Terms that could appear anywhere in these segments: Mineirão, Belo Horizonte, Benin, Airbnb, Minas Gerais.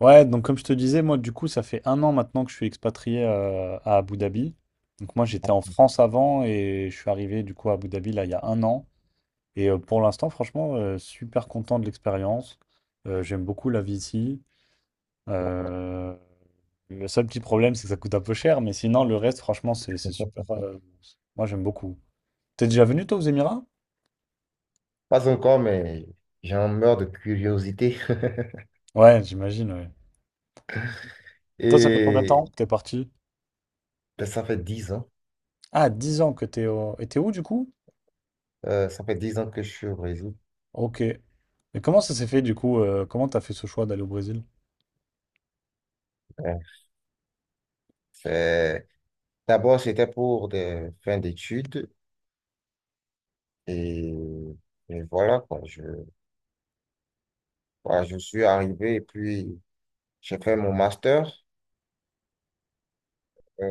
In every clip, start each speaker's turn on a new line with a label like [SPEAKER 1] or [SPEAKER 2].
[SPEAKER 1] Ouais, donc comme je te disais, moi du coup, ça fait un an maintenant que je suis expatrié à Abu Dhabi. Donc moi j'étais en France avant et je suis arrivé du coup à Abu Dhabi là il y a un an. Et pour l'instant, franchement, super content de l'expérience. J'aime beaucoup la vie ici. Euh, le seul petit problème, c'est que ça coûte un peu cher, mais sinon le reste, franchement, c'est super. Moi j'aime beaucoup. T'es déjà venu toi aux Émirats?
[SPEAKER 2] Pas encore, mais j'en meurs de curiosité.
[SPEAKER 1] Ouais, j'imagine, ouais. Toi, ça fait combien de temps
[SPEAKER 2] Et
[SPEAKER 1] que t'es parti?
[SPEAKER 2] ben, ça fait 10 ans.
[SPEAKER 1] Ah, 10 ans que t'es au... Et t'es où du coup?
[SPEAKER 2] Ça fait 10 ans que je suis au Brésil.
[SPEAKER 1] Ok. Et comment ça s'est fait du coup? Comment t'as fait ce choix d'aller au Brésil?
[SPEAKER 2] Ouais. C'est- D'abord, c'était pour des fins d'études. Et, et voilà, quoi. Voilà, je suis arrivé et puis j'ai fait mon master.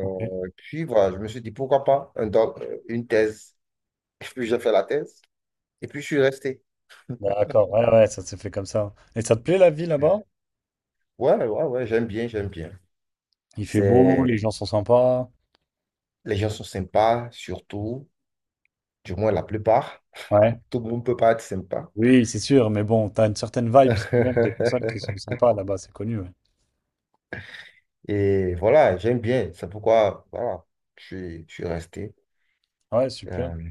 [SPEAKER 1] Ok.
[SPEAKER 2] Puis voilà, je me suis dit, pourquoi pas une thèse. Et puis j'ai fait la thèse. Et puis je suis resté.
[SPEAKER 1] D'accord, ouais, ouais, ça s'est fait comme ça. Et ça te plaît la vie là-bas?
[SPEAKER 2] Ouais, ouais, ouais, ouais, j'aime bien, j'aime bien.
[SPEAKER 1] Il fait beau, les
[SPEAKER 2] C'est...
[SPEAKER 1] gens sont sympas.
[SPEAKER 2] Les gens sont sympas, surtout, du moins la plupart.
[SPEAKER 1] Ouais.
[SPEAKER 2] Tout le monde peut pas être sympa.
[SPEAKER 1] Oui, c'est sûr, mais bon, t'as une certaine vibe quand même des personnes qui sont sympas là-bas, c'est connu. Ouais,
[SPEAKER 2] Et voilà, j'aime bien. C'est pourquoi voilà, je suis resté.
[SPEAKER 1] ouais, super.
[SPEAKER 2] Euh,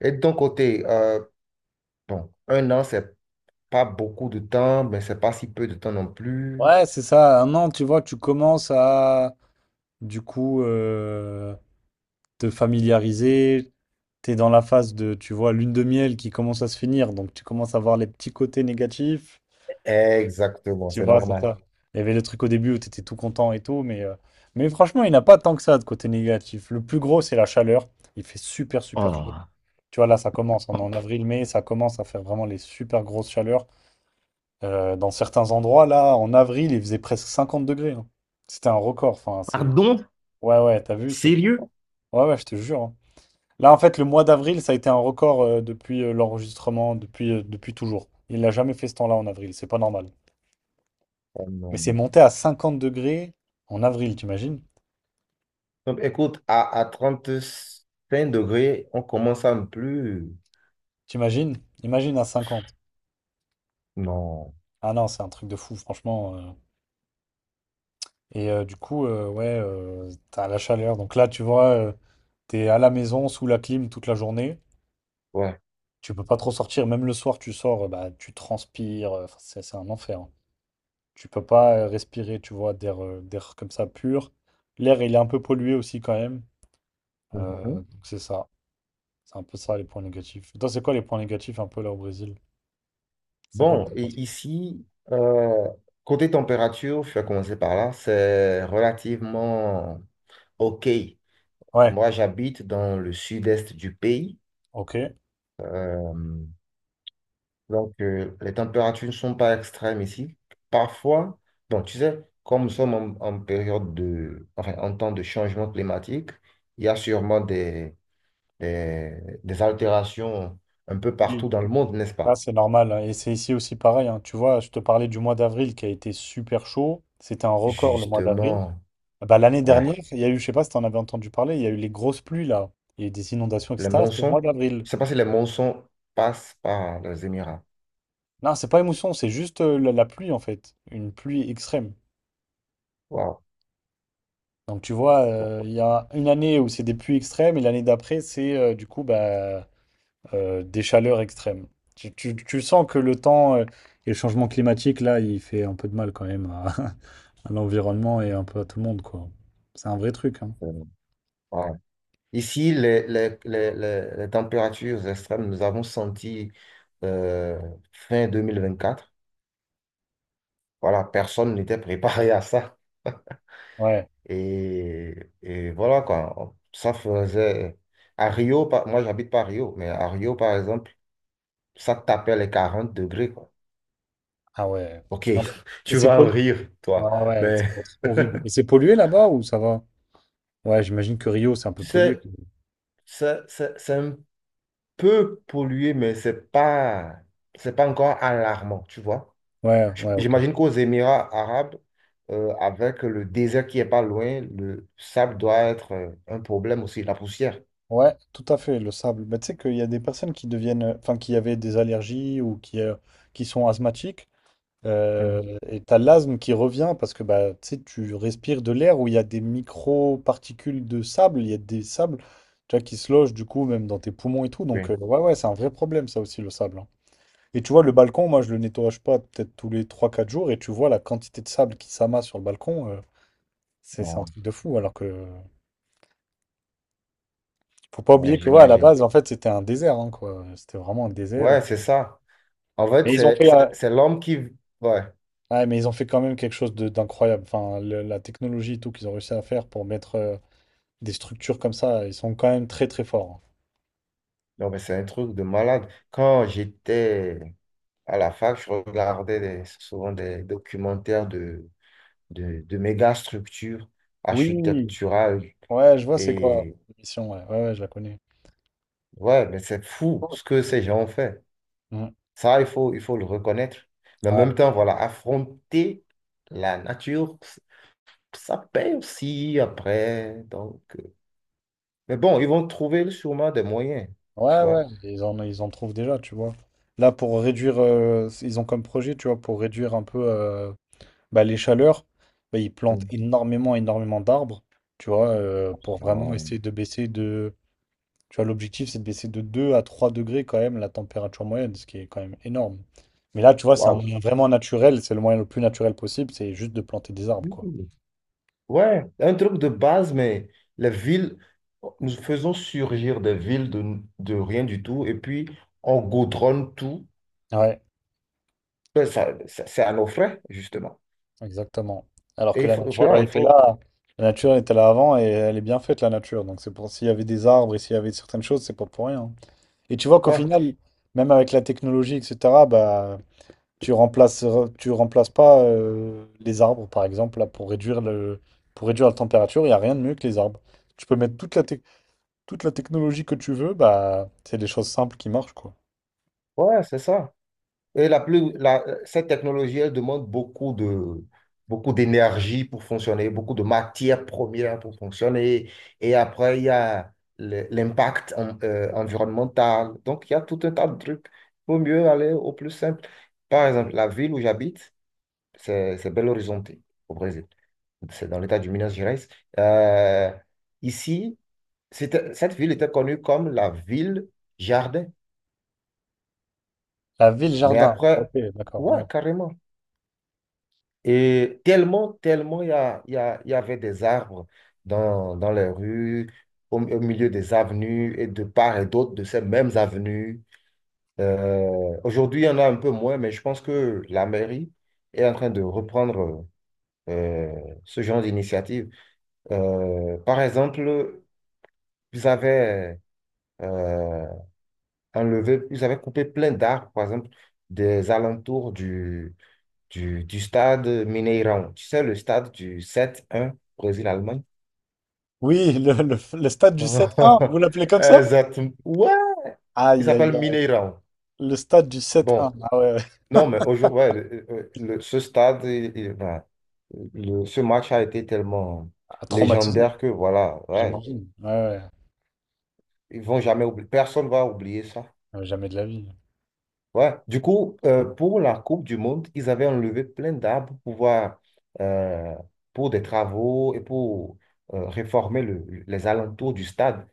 [SPEAKER 2] et de ton côté, bon, un an, c'est pas beaucoup de temps, mais c'est pas si peu de temps non plus.
[SPEAKER 1] Ouais, c'est ça, un an, tu vois, tu commences à, du coup, te familiariser. T'es dans la phase de, tu vois, lune de miel qui commence à se finir, donc tu commences à voir les petits côtés négatifs.
[SPEAKER 2] Exactement,
[SPEAKER 1] Tu
[SPEAKER 2] c'est
[SPEAKER 1] vois, ça,
[SPEAKER 2] normal.
[SPEAKER 1] ça. Il y avait le truc au début où t'étais tout content et tout, mais franchement, il n'y en a pas tant que ça de côté négatif. Le plus gros, c'est la chaleur. Il fait super, super chaud.
[SPEAKER 2] Oh,
[SPEAKER 1] Tu vois, là, ça commence. On est en
[SPEAKER 2] oh,
[SPEAKER 1] avril-mai, ça commence à faire vraiment les super grosses chaleurs. Dans certains endroits, là, en avril, il faisait presque 50 degrés, hein. C'était un record. Enfin, c'est...
[SPEAKER 2] pardon?
[SPEAKER 1] Ouais, ouais, t'as vu, c'est...
[SPEAKER 2] Sérieux?
[SPEAKER 1] Ouais, ouais, je te jure, hein. Là, en fait, le mois d'avril, ça a été un record depuis l'enregistrement, depuis, depuis toujours. Il n'a jamais fait ce temps-là en avril, c'est pas normal.
[SPEAKER 2] Oh
[SPEAKER 1] Mais c'est
[SPEAKER 2] non.
[SPEAKER 1] monté à 50 degrés en avril, t'imagines?
[SPEAKER 2] Donc, écoute, à, 35 degrés, on commence à ne plus.
[SPEAKER 1] T'imagines? Imagine à 50.
[SPEAKER 2] Non.
[SPEAKER 1] Ah non, c'est un truc de fou, franchement. Et du coup, ouais, t'as la chaleur. Donc là, tu vois, t'es à la maison sous la clim toute la journée.
[SPEAKER 2] Ouais.
[SPEAKER 1] Tu peux pas trop sortir. Même le soir, tu sors, bah, tu transpires. Enfin, c'est un enfer, hein. Tu peux pas respirer, tu vois, d'air d'air comme ça pur. L'air, il est un peu pollué aussi quand même.
[SPEAKER 2] Mhm.
[SPEAKER 1] Donc c'est ça. C'est un peu ça les points négatifs. Toi, c'est quoi les points négatifs un peu là au Brésil? C'est quoi que
[SPEAKER 2] Bon,
[SPEAKER 1] t'as
[SPEAKER 2] et
[SPEAKER 1] pas-
[SPEAKER 2] ici, euh, côté température, je vais commencer par là, c'est relativement OK.
[SPEAKER 1] Ouais,
[SPEAKER 2] Moi, j'habite dans le sud-est du pays,
[SPEAKER 1] ok.
[SPEAKER 2] euh, donc les températures ne sont pas extrêmes ici. Parfois, bon, tu sais, comme nous sommes en période de, enfin, en temps de changement climatique, il y a sûrement des, des altérations un peu
[SPEAKER 1] Oui.
[SPEAKER 2] partout dans le monde, n'est-ce
[SPEAKER 1] Ah,
[SPEAKER 2] pas?
[SPEAKER 1] c'est normal, hein. Et c'est ici aussi pareil, hein. Tu vois, je te parlais du mois d'avril qui a été super chaud. C'était un record le mois d'avril.
[SPEAKER 2] Justement,
[SPEAKER 1] Ah bah, l'année dernière,
[SPEAKER 2] ouais.
[SPEAKER 1] il y a eu, je sais pas si tu en avais entendu parler, il y a eu les grosses pluies là. Il y a eu des inondations,
[SPEAKER 2] Les
[SPEAKER 1] etc. C'était au mois
[SPEAKER 2] monsons,
[SPEAKER 1] d'avril.
[SPEAKER 2] je sais pas si les monsons passent par les Émirats.
[SPEAKER 1] Non, c'est pas émotion, c'est juste la pluie en fait. Une pluie extrême.
[SPEAKER 2] Waouh.
[SPEAKER 1] Donc tu vois,
[SPEAKER 2] Waouh,
[SPEAKER 1] il y a une année où c'est des pluies extrêmes et l'année d'après, c'est du coup bah, des chaleurs extrêmes. Tu sens que le temps et le changement climatique, là, il fait un peu de mal quand même à, à l'environnement et un peu à tout le monde, quoi. C'est un vrai truc, hein.
[SPEAKER 2] c'est- waouh. Ici, les températures extrêmes, nous avons senti euh, fin 2024. Voilà, personne n'était préparé à ça.
[SPEAKER 1] Ouais,
[SPEAKER 2] Et, et voilà, quoi. Ça faisait. À Rio, moi, j'habite pas à Rio, mais à Rio, par exemple, ça tapait les 40 degrés, quoi.
[SPEAKER 1] ah ouais.
[SPEAKER 2] Ok,
[SPEAKER 1] Non. Et
[SPEAKER 2] tu
[SPEAKER 1] c'est
[SPEAKER 2] vas en
[SPEAKER 1] pollué.
[SPEAKER 2] rire, toi.
[SPEAKER 1] Ouais, ouais, ça
[SPEAKER 2] Mais
[SPEAKER 1] doit être horrible. Et c'est pollué là-bas ou ça va? Ouais, j'imagine que Rio, c'est un
[SPEAKER 2] tu
[SPEAKER 1] peu pollué.
[SPEAKER 2] sais, c'est un peut polluer, mais c'est pas encore alarmant, tu vois.
[SPEAKER 1] Ouais, ouais, ok.
[SPEAKER 2] J'imagine qu'aux Émirats arabes, avec le désert qui est pas loin, le sable doit être un problème aussi, la poussière.
[SPEAKER 1] Ouais, tout à fait, le sable. Bah, tu sais qu'il y a des personnes qui deviennent, enfin, qui avaient des allergies ou qui sont asthmatiques.
[SPEAKER 2] Mm.
[SPEAKER 1] Et t'as l'asthme qui revient parce que bah, tu sais, tu respires de l'air où il y a des micro-particules de sable, il y a des sables, tu vois, qui se logent du coup même dans tes poumons et tout. Donc
[SPEAKER 2] Oui.
[SPEAKER 1] ouais, ouais, c'est un vrai problème ça aussi le sable, hein. Et tu vois, le balcon, moi je le nettoie pas peut-être tous les trois quatre jours et tu vois la quantité de sable qui s'amasse sur le balcon, c'est un
[SPEAKER 2] Bon,
[SPEAKER 1] truc de fou. Alors que faut pas
[SPEAKER 2] ouais,
[SPEAKER 1] oublier que ouais, à la
[SPEAKER 2] j'imagine.
[SPEAKER 1] base, en fait, c'était un désert, hein, quoi. C'était vraiment un désert.
[SPEAKER 2] Ouais, c'est ça. En fait,
[SPEAKER 1] Mais ils ont
[SPEAKER 2] c'est
[SPEAKER 1] fait,
[SPEAKER 2] c'est- c'est l'homme qui... Ouais,
[SPEAKER 1] ouais, mais ils ont fait quand même quelque chose d'incroyable. Enfin, la technologie et tout qu'ils ont réussi à faire pour mettre. Des structures comme ça, ils sont quand même très très forts.
[SPEAKER 2] non, mais c'est un truc de malade. Quand j'étais à la fac, je regardais souvent des documentaires de méga structures
[SPEAKER 1] Oui,
[SPEAKER 2] architecturales.
[SPEAKER 1] ouais, je vois c'est quoi
[SPEAKER 2] Et
[SPEAKER 1] l'émission, ouais. Ouais, ouais, je la connais.
[SPEAKER 2] ouais, mais c'est fou ce que ces gens ont fait.
[SPEAKER 1] Mm.
[SPEAKER 2] Ça, il faut le reconnaître. Mais en
[SPEAKER 1] Ouais,
[SPEAKER 2] même temps, voilà, affronter la nature, ça paye aussi après. Donc, mais bon, ils vont trouver sûrement des moyens, tu
[SPEAKER 1] ouais, ouais,
[SPEAKER 2] vois.
[SPEAKER 1] ils en trouvent déjà, tu vois. Là, pour réduire, ils ont comme projet, tu vois, pour réduire un peu bah, les chaleurs, bah, ils plantent
[SPEAKER 2] Mm.
[SPEAKER 1] énormément, énormément d'arbres, tu vois, pour vraiment
[SPEAKER 2] Oh.
[SPEAKER 1] essayer de baisser de. Tu vois, l'objectif, c'est de baisser de 2 à 3 degrés quand même la température moyenne, ce qui est quand même énorme. Mais là, tu vois, c'est un
[SPEAKER 2] Waouh.
[SPEAKER 1] moyen vraiment naturel, c'est le moyen le plus naturel possible, c'est juste de planter des arbres, quoi.
[SPEAKER 2] Mhm. Ouais, un truc de base, mais les villes, nous faisons surgir des villes de rien du tout, et puis on goudronne tout.
[SPEAKER 1] Ouais,
[SPEAKER 2] Ben, c'est à nos frais, justement.
[SPEAKER 1] exactement. Alors
[SPEAKER 2] Et
[SPEAKER 1] que la nature,
[SPEAKER 2] voilà,
[SPEAKER 1] elle
[SPEAKER 2] il
[SPEAKER 1] était
[SPEAKER 2] faut.
[SPEAKER 1] là, la nature était là avant et elle est bien faite, la nature. Donc c'est pour s'il y avait des arbres et s'il y avait certaines choses, c'est pas pour rien, hein. Et tu vois qu'au
[SPEAKER 2] Ouais,
[SPEAKER 1] final, même avec la technologie, etc., bah tu remplaces, tu remplaces pas les arbres, par exemple, là, pour réduire pour réduire la température, il n'y a rien de mieux que les arbres. Tu peux mettre toute la, toute la technologie que tu veux, bah, c'est des choses simples qui marchent, quoi.
[SPEAKER 2] ouais, c'est ça. Et cette technologie, elle demande beaucoup d'énergie pour fonctionner, beaucoup de matières premières pour fonctionner. Et après, il y a l'impact environnemental. Donc, il y a tout un tas de trucs. Il vaut mieux aller au plus simple. Par exemple, la ville où j'habite, c'est Belo Horizonte, au Brésil. C'est dans l'état du Minas Gerais. Euh, Ici, cette ville était connue comme la ville jardin.
[SPEAKER 1] La
[SPEAKER 2] Mais
[SPEAKER 1] ville-jardin. Ok,
[SPEAKER 2] après,
[SPEAKER 1] d'accord, ouais.
[SPEAKER 2] ouais, carrément. Et tellement, tellement, il y avait des arbres dans les rues, au milieu des avenues et de part et d'autre de ces mêmes avenues. Aujourd'hui, il y en a un peu moins, mais je pense que la mairie est en train de reprendre euh, ce genre d'initiative. Par exemple, vous avez euh, enlevé, ils avaient coupé plein d'arbres, par exemple, des alentours du, du stade Mineirão. Tu sais, le stade du 7-1 Brésil-Allemagne.
[SPEAKER 1] Oui, le stade du 7-1, vous l'appelez comme ça?
[SPEAKER 2] Exactement. Ouais, il
[SPEAKER 1] Aïe, aïe,
[SPEAKER 2] s'appelle
[SPEAKER 1] aïe.
[SPEAKER 2] Mineirão.
[SPEAKER 1] Le stade du 7-1.
[SPEAKER 2] Bon,
[SPEAKER 1] Ah ouais, ouais.
[SPEAKER 2] non, mais aujourd'hui, ouais, ce stade, ben, ce match a été tellement
[SPEAKER 1] Ah, traumatisant,
[SPEAKER 2] légendaire que voilà, ouais,
[SPEAKER 1] j'imagine. Ouais, ouais.
[SPEAKER 2] ils vont jamais oublier, personne va oublier ça.
[SPEAKER 1] Ouais, jamais de la vie.
[SPEAKER 2] Ouais. Du coup, pour la Coupe du Monde, ils avaient enlevé plein d'arbres pour pouvoir, euh, pour des travaux et pour réformer les alentours du stade,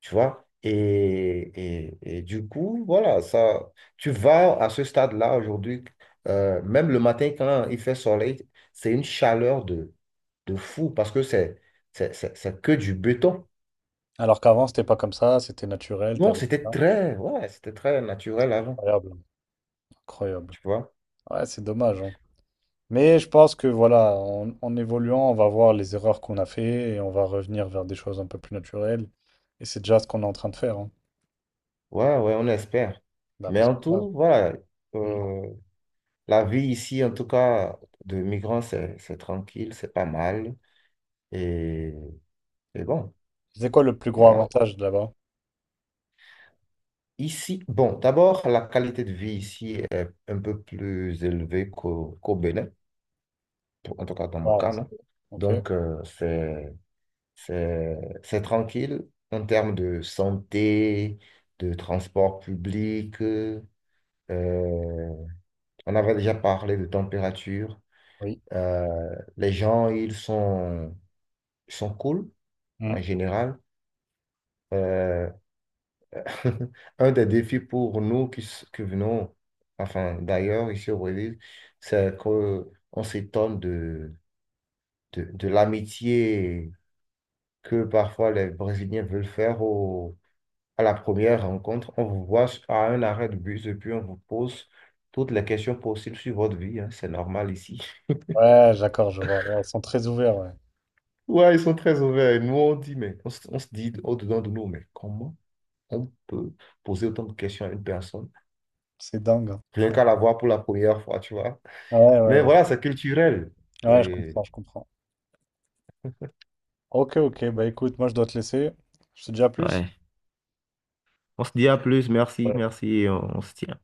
[SPEAKER 2] tu vois. Et du coup, voilà, ça, tu vas à ce stade-là aujourd'hui, même le matin quand il fait soleil, c'est une chaleur de fou parce que c'est que du béton.
[SPEAKER 1] Alors qu'avant, c'était pas comme ça, c'était naturel,
[SPEAKER 2] Non,
[SPEAKER 1] t'avais
[SPEAKER 2] c'était
[SPEAKER 1] ça.
[SPEAKER 2] ouais, c'était très naturel avant,
[SPEAKER 1] Incroyable, incroyable.
[SPEAKER 2] tu vois.
[SPEAKER 1] Ouais, c'est dommage, hein. Mais je pense que voilà, en évoluant, on va voir les erreurs qu'on a fait et on va revenir vers des choses un peu plus naturelles. Et c'est déjà ce qu'on est en train de faire, hein.
[SPEAKER 2] Ouais, ouais, on espère.
[SPEAKER 1] Bah,
[SPEAKER 2] Mais
[SPEAKER 1] parce que,
[SPEAKER 2] en
[SPEAKER 1] voilà.
[SPEAKER 2] tout, voilà,
[SPEAKER 1] Mm.
[SPEAKER 2] euh, la vie ici, en tout cas, de migrants, c'est tranquille, c'est pas mal. Et, et bon,
[SPEAKER 1] C'est quoi le plus gros
[SPEAKER 2] voilà.
[SPEAKER 1] avantage de là-bas?
[SPEAKER 2] Ici, bon, d'abord, la qualité de vie ici est un peu plus élevée qu'au Bénin, en tout cas dans mon
[SPEAKER 1] Ah,
[SPEAKER 2] cas, non?
[SPEAKER 1] ok,
[SPEAKER 2] Donc, c'est, c'est tranquille en termes de santé, de transport public. On avait déjà parlé de température.
[SPEAKER 1] oui.
[SPEAKER 2] Les gens, ils sont cool en
[SPEAKER 1] Mm.
[SPEAKER 2] général. Euh, un des défis pour nous qui venons, enfin d'ailleurs ici au Brésil, c'est qu'on s'étonne de l'amitié que parfois les Brésiliens veulent faire à la première rencontre. On vous voit à un arrêt de bus et puis on vous pose toutes les questions possibles sur votre vie, hein. C'est normal ici.
[SPEAKER 1] Ouais, d'accord, je vois. Ouais, ils sont très ouverts, ouais.
[SPEAKER 2] Ouais, ils sont très ouverts. Et nous, on dit, mais on se dit au-dedans de nous, mais comment? On peut poser autant de questions à une personne,
[SPEAKER 1] C'est dingue, hein.
[SPEAKER 2] rien qu'à la voir pour la première fois, tu vois.
[SPEAKER 1] Ouais, ouais,
[SPEAKER 2] Mais
[SPEAKER 1] ouais.
[SPEAKER 2] voilà, c'est culturel.
[SPEAKER 1] Ouais, je
[SPEAKER 2] Et.
[SPEAKER 1] comprends, je comprends. Ok, ok, bah écoute, moi je dois te laisser. Je te dis à plus.
[SPEAKER 2] Ouais. On se dit à plus, merci, merci, et on se tient.